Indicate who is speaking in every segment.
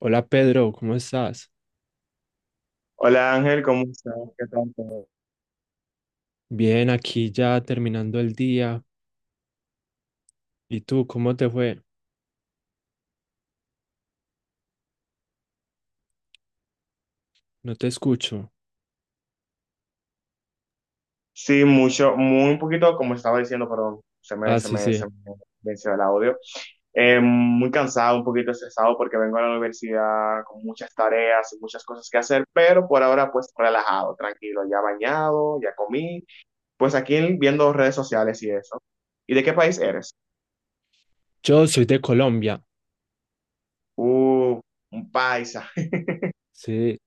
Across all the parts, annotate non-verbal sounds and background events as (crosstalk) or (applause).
Speaker 1: Hola Pedro, ¿cómo estás?
Speaker 2: Hola Ángel, ¿cómo estás? ¿Qué tal todo?
Speaker 1: Bien, aquí ya terminando el día. ¿Y tú, cómo te fue? No te escucho.
Speaker 2: Sí, mucho, muy un poquito, como estaba diciendo, perdón, se me,
Speaker 1: Ah,
Speaker 2: se
Speaker 1: sí,
Speaker 2: me,
Speaker 1: sí.
Speaker 2: se me venció el audio. Muy cansado, un poquito estresado porque vengo a la universidad con muchas tareas y muchas cosas que hacer, pero por ahora pues relajado, tranquilo, ya bañado, ya comí, pues aquí viendo redes sociales y eso. ¿Y de qué país eres?
Speaker 1: Yo soy de Colombia.
Speaker 2: Uh, un paisa. (laughs)
Speaker 1: Sí,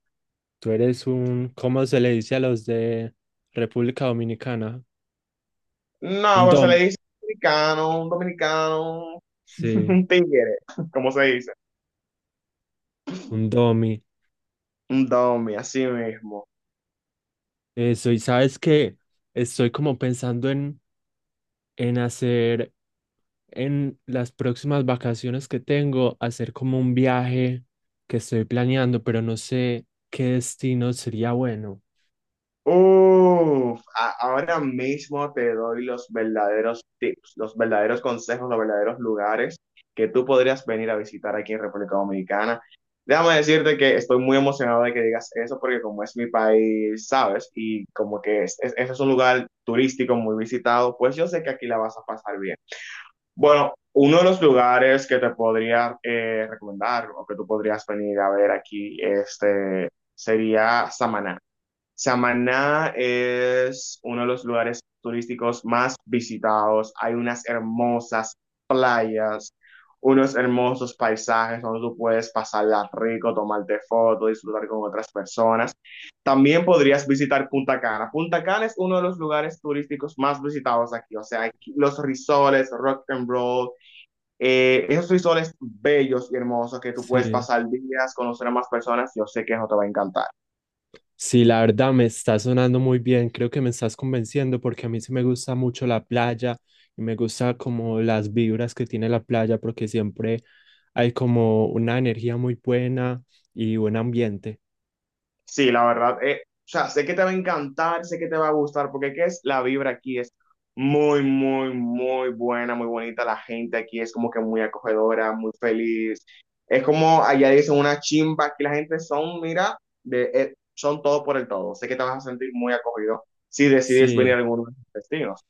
Speaker 1: tú eres un, ¿cómo se le dice a los de República Dominicana?
Speaker 2: No,
Speaker 1: Un
Speaker 2: pues se le
Speaker 1: dom.
Speaker 2: dice dominicano, un dominicano, (laughs)
Speaker 1: Sí,
Speaker 2: un tigre, como se dice.
Speaker 1: un domi.
Speaker 2: Un domi, así mismo.
Speaker 1: Eso, y sabes que estoy como pensando en hacer en las próximas vacaciones que tengo, hacer como un viaje que estoy planeando, pero no sé qué destino sería bueno.
Speaker 2: Uf, ahora mismo te doy los verdaderos tips, los verdaderos consejos, los verdaderos lugares que tú podrías venir a visitar aquí en República Dominicana. Déjame decirte que estoy muy emocionado de que digas eso porque como es mi país, sabes, y como que ese es un lugar turístico muy visitado, pues yo sé que aquí la vas a pasar bien. Bueno, uno de los lugares que te podría recomendar o que tú podrías venir a ver aquí, este, sería Samaná. Samaná es uno de los lugares turísticos más visitados. Hay unas hermosas playas, unos hermosos paisajes donde tú puedes pasarla rico, tomarte fotos, disfrutar con otras personas. También podrías visitar Punta Cana. Punta Cana es uno de los lugares turísticos más visitados aquí. O sea, aquí- los resorts, rock and roll, esos resorts bellos y hermosos que tú puedes
Speaker 1: Sí,
Speaker 2: pasar días, conocer a más personas. Yo sé que eso te va a encantar.
Speaker 1: sí, la verdad me está sonando muy bien. Creo que me estás convenciendo porque a mí sí me gusta mucho la playa y me gusta como las vibras que tiene la playa porque siempre hay como una energía muy buena y buen ambiente.
Speaker 2: Sí, la verdad, o sea, sé que te va a encantar, sé que te va a gustar, porque ¿qué es? La vibra aquí es muy, muy, muy buena, muy bonita. La gente aquí es como que muy acogedora, muy feliz. Es como allá dicen una chimba, aquí la gente son, mira, son todo por el todo. Sé que te vas a sentir muy acogido si decides venir
Speaker 1: Sí,
Speaker 2: a alguno de los destinos.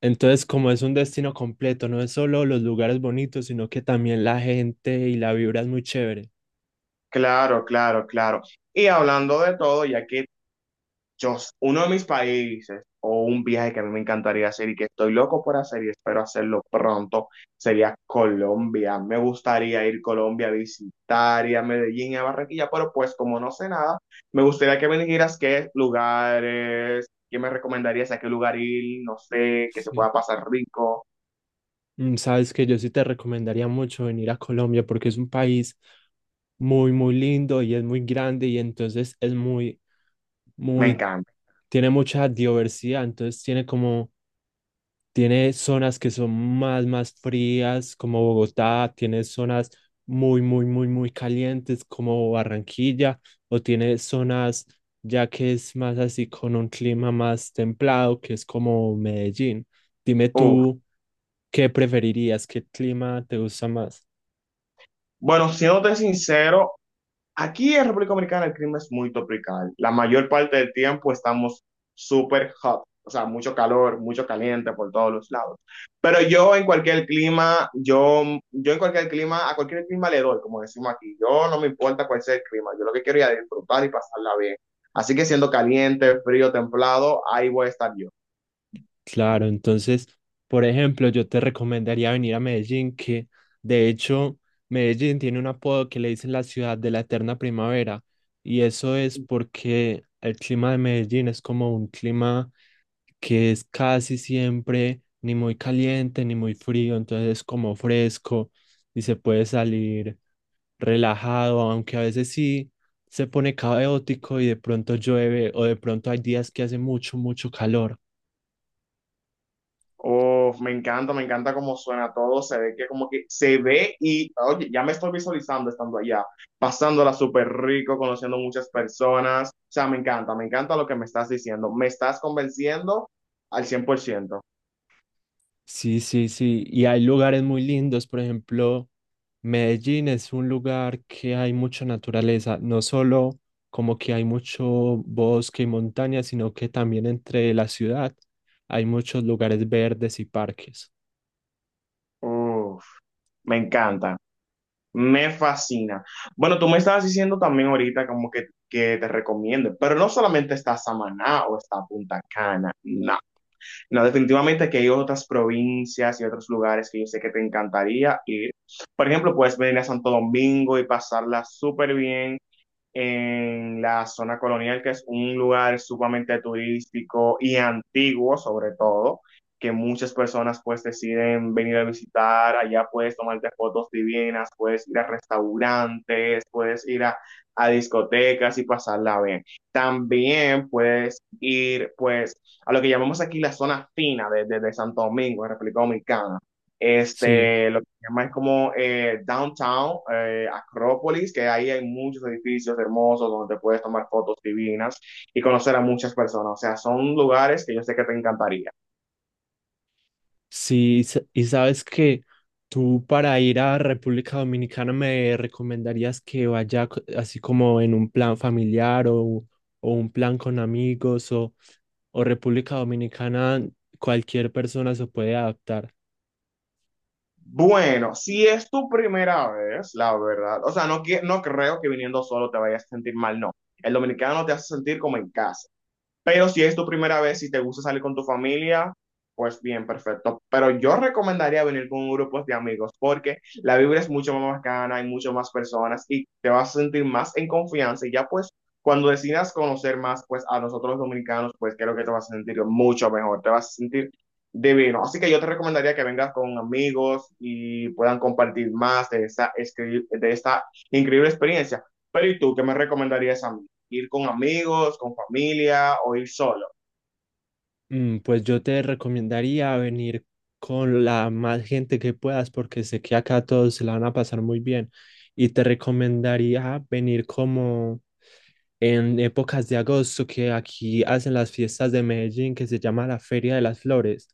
Speaker 1: entonces como es un destino completo, no es solo los lugares bonitos, sino que también la gente y la vibra es muy chévere.
Speaker 2: Claro, claro, claro. Y hablando de todo, ya que yo, uno de mis países o un viaje que a mí me encantaría hacer y que estoy loco por hacer y espero hacerlo pronto sería Colombia. Me gustaría ir a Colombia a visitar y a Medellín y a Barranquilla, pero pues como no sé nada, me gustaría que me dijeras qué lugares, qué me recomendarías, a qué lugar ir, no sé, que se
Speaker 1: Sí.
Speaker 2: pueda pasar rico.
Speaker 1: Mm, sabes que yo sí te recomendaría mucho venir a Colombia porque es un país muy, muy lindo y es muy grande y entonces es muy,
Speaker 2: Me
Speaker 1: muy,
Speaker 2: encanta.
Speaker 1: tiene mucha diversidad, entonces tiene como, tiene zonas que son más, más frías como Bogotá, tiene zonas muy, muy, muy, muy calientes como Barranquilla o tiene zonas ya que es más así con un clima más templado que es como Medellín. Dime
Speaker 2: Uf.
Speaker 1: tú, ¿qué preferirías? ¿Qué clima te gusta más?
Speaker 2: Bueno, siéndote sincero, aquí en República Dominicana el clima es muy tropical. La mayor parte del tiempo estamos súper hot, o sea, mucho calor, mucho caliente por todos los lados. Pero yo en cualquier clima, yo en cualquier clima, a cualquier clima le doy, como decimos aquí. Yo no me importa cuál sea el clima, yo lo que quiero es disfrutar y pasarla bien. Así que siendo caliente, frío, templado, ahí voy a estar yo.
Speaker 1: Claro, entonces, por ejemplo, yo te recomendaría venir a Medellín, que de hecho Medellín tiene un apodo que le dicen la ciudad de la eterna primavera, y eso es porque el clima de Medellín es como un clima que es casi siempre ni muy caliente ni muy frío, entonces es como fresco y se puede salir relajado, aunque a veces sí se pone caótico y de pronto llueve o de pronto hay días que hace mucho, mucho calor.
Speaker 2: Uf, me encanta cómo suena todo, se ve que como que se ve y, oye, ya me estoy visualizando estando allá, pasándola súper rico, conociendo muchas personas, o sea, me encanta lo que me estás diciendo, me estás convenciendo al cien por ciento.
Speaker 1: Sí, sí, sí. Y hay lugares muy lindos, por ejemplo, Medellín es un lugar que hay mucha naturaleza, no solo como que hay mucho bosque y montaña, sino que también entre la ciudad hay muchos lugares verdes y parques.
Speaker 2: Uf, me encanta, me fascina. Bueno, tú me estabas diciendo también ahorita como que te recomiendo, pero no solamente está Samaná o está Punta Cana, no. No, definitivamente que hay otras provincias y otros lugares que yo sé que te encantaría ir. Por ejemplo, puedes venir a Santo Domingo y pasarla súper bien en la zona colonial, que es un lugar sumamente turístico y antiguo sobre todo, que muchas personas pues deciden venir a visitar, allá puedes tomarte fotos divinas, puedes ir a restaurantes, a discotecas y pasarla bien. También puedes ir pues a lo que llamamos aquí la zona fina de Santo Domingo, en República Dominicana.
Speaker 1: Sí.
Speaker 2: Este, lo llama es como Downtown, Acrópolis, que ahí hay muchos edificios hermosos donde te puedes tomar fotos divinas y conocer a muchas personas. O sea, son lugares que yo sé que te encantaría.
Speaker 1: Sí, y sabes que tú para ir a República Dominicana me recomendarías que vaya así como en un plan familiar o un plan con amigos o República Dominicana, cualquier persona se puede adaptar.
Speaker 2: Bueno, si es tu primera vez, la verdad, o sea, no, no creo que viniendo solo te vayas a sentir mal, no. El dominicano te hace sentir como en casa. Pero si es tu primera vez y te gusta salir con tu familia, pues bien, perfecto. Pero yo recomendaría venir con grupos de amigos porque la vibra es mucho más bacana, hay mucho más personas y te vas a sentir más en confianza y ya pues cuando decidas conocer más pues a nosotros los dominicanos, pues creo que te vas a sentir mucho mejor, te vas a sentir divino. Así que yo te recomendaría que vengas con amigos y puedan compartir más de de esta increíble experiencia. Pero ¿y tú qué me recomendarías a mí? Ir con amigos, con familia o ir solo.
Speaker 1: Mm, pues yo te recomendaría venir con la más gente que puedas porque sé que acá todos se la van a pasar muy bien y te recomendaría venir como en épocas de agosto que aquí hacen las fiestas de Medellín que se llama la Feria de las Flores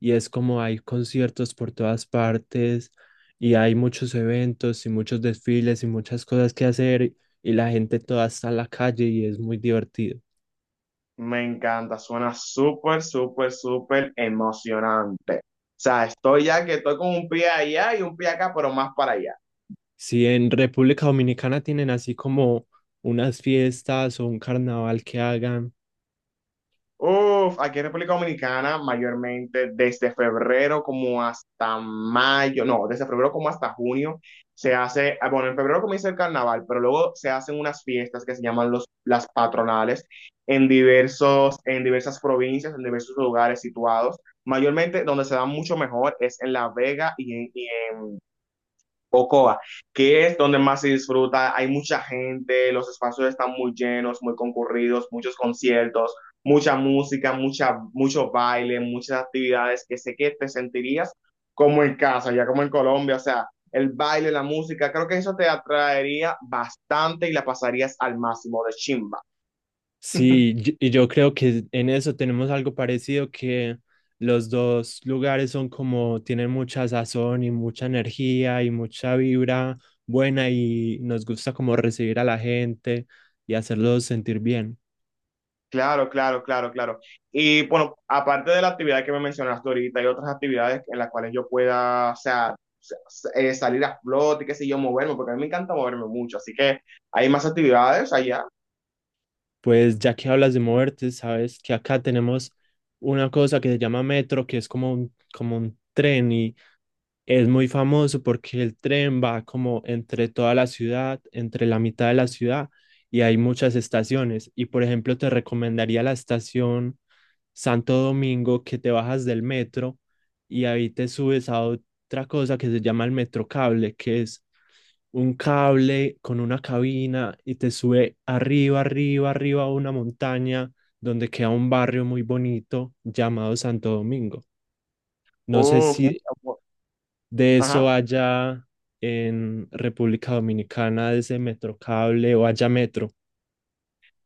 Speaker 1: y es como hay conciertos por todas partes y hay muchos eventos y muchos desfiles y muchas cosas que hacer y la gente toda está en la calle y es muy divertido.
Speaker 2: Me encanta, suena súper, súper, súper emocionante. O sea, estoy ya que estoy con un pie allá y un pie acá, pero más para allá.
Speaker 1: Si en República Dominicana tienen así como unas fiestas o un carnaval que hagan,
Speaker 2: Uf, aquí en República Dominicana, mayormente desde febrero como hasta mayo, no, desde febrero como hasta junio, se hace, ah, bueno, en febrero comienza el carnaval, pero luego se hacen unas fiestas que se llaman los, las patronales en diversos, en diversas provincias, en diversos lugares situados. Mayormente donde se da mucho mejor es en La Vega y en, Ocoa, que es donde más se disfruta. Hay mucha gente, los espacios están muy llenos, muy concurridos, muchos conciertos, mucha música, mucha, mucho baile, muchas actividades que sé que te sentirías como en casa, ya como en Colombia, o sea, el baile, la música, creo que eso te atraería bastante y la pasarías al máximo de chimba.
Speaker 1: sí, y yo creo que en eso tenemos algo parecido que los dos lugares son como tienen mucha sazón y mucha energía y mucha vibra buena y nos gusta como recibir a la gente y hacerlos sentir bien.
Speaker 2: Claro, claro, claro, claro. Y bueno, aparte de la actividad que me mencionaste ahorita, hay otras actividades en las cuales yo pueda, o sea, salir a flote, qué sé yo, moverme, porque a mí me encanta moverme mucho. Así que hay más actividades allá.
Speaker 1: Pues ya que hablas de moverte, sabes que acá tenemos una cosa que se llama metro, que es como un tren y es muy famoso porque el tren va como entre toda la ciudad, entre la mitad de la ciudad y hay muchas estaciones. Y por ejemplo, te recomendaría la estación Santo Domingo que te bajas del metro y ahí te subes a otra cosa que se llama el Metrocable, que es un cable con una cabina y te sube arriba, arriba, arriba a una montaña donde queda un barrio muy bonito llamado Santo Domingo. No sé
Speaker 2: Uf,
Speaker 1: si
Speaker 2: un-
Speaker 1: de eso
Speaker 2: ajá.
Speaker 1: allá en República Dominicana, de ese Metrocable o haya Metro.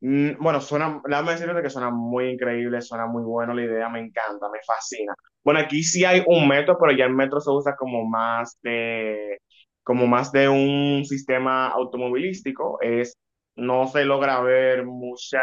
Speaker 2: Mm, bueno, suena, déjame decirte que suena muy increíble, suena muy bueno la idea, me encanta, me fascina. Bueno, aquí sí hay un metro, pero ya el metro se usa como más de un sistema automovilístico. Es, no se logra ver mucha,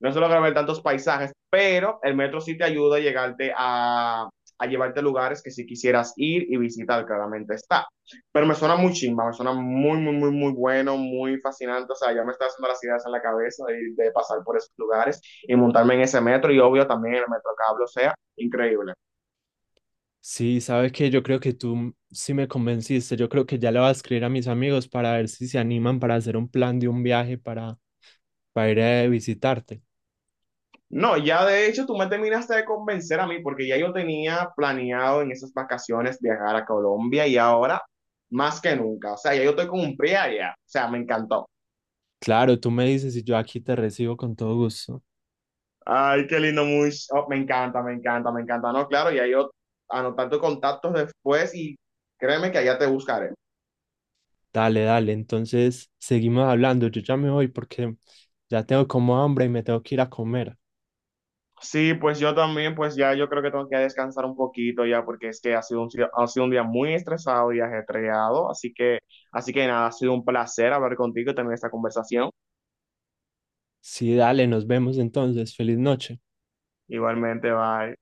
Speaker 2: no se logra ver tantos paisajes, pero el metro sí te ayuda a a llevarte a lugares que si quisieras ir y visitar, claramente está. Pero me suena muy chimba, me suena muy, muy, muy, muy bueno, muy fascinante. O sea, ya me está haciendo las ideas en la cabeza de pasar por esos lugares y montarme en ese metro y obvio también el metro cable, o sea, increíble.
Speaker 1: Sí, sabe que yo creo que tú sí me convenciste. Yo creo que ya le voy a escribir a mis amigos para ver si se animan para hacer un plan de un viaje para ir a visitarte.
Speaker 2: No, ya de hecho tú me terminaste de convencer a mí porque ya yo tenía planeado en esas vacaciones viajar a Colombia y ahora más que nunca, o sea, ya yo estoy con un pie allá, o sea, me encantó.
Speaker 1: Claro, tú me dices y yo aquí te recibo con todo gusto.
Speaker 2: Ay, qué lindo, muy. Oh, me encanta, me encanta, me encanta. No, claro, y ahí yo anotar tus contactos después y créeme que allá te buscaré.
Speaker 1: Dale, dale. Entonces, seguimos hablando. Yo ya me voy porque ya tengo como hambre y me tengo que ir a comer.
Speaker 2: Sí, pues yo también, pues ya yo creo que tengo que descansar un poquito ya, porque es que ha sido un, si- ha sido un día muy estresado y ajetreado. Así que nada, ha sido un placer hablar contigo y tener esta conversación.
Speaker 1: Sí, dale, nos vemos entonces. Feliz noche.
Speaker 2: Igualmente, bye.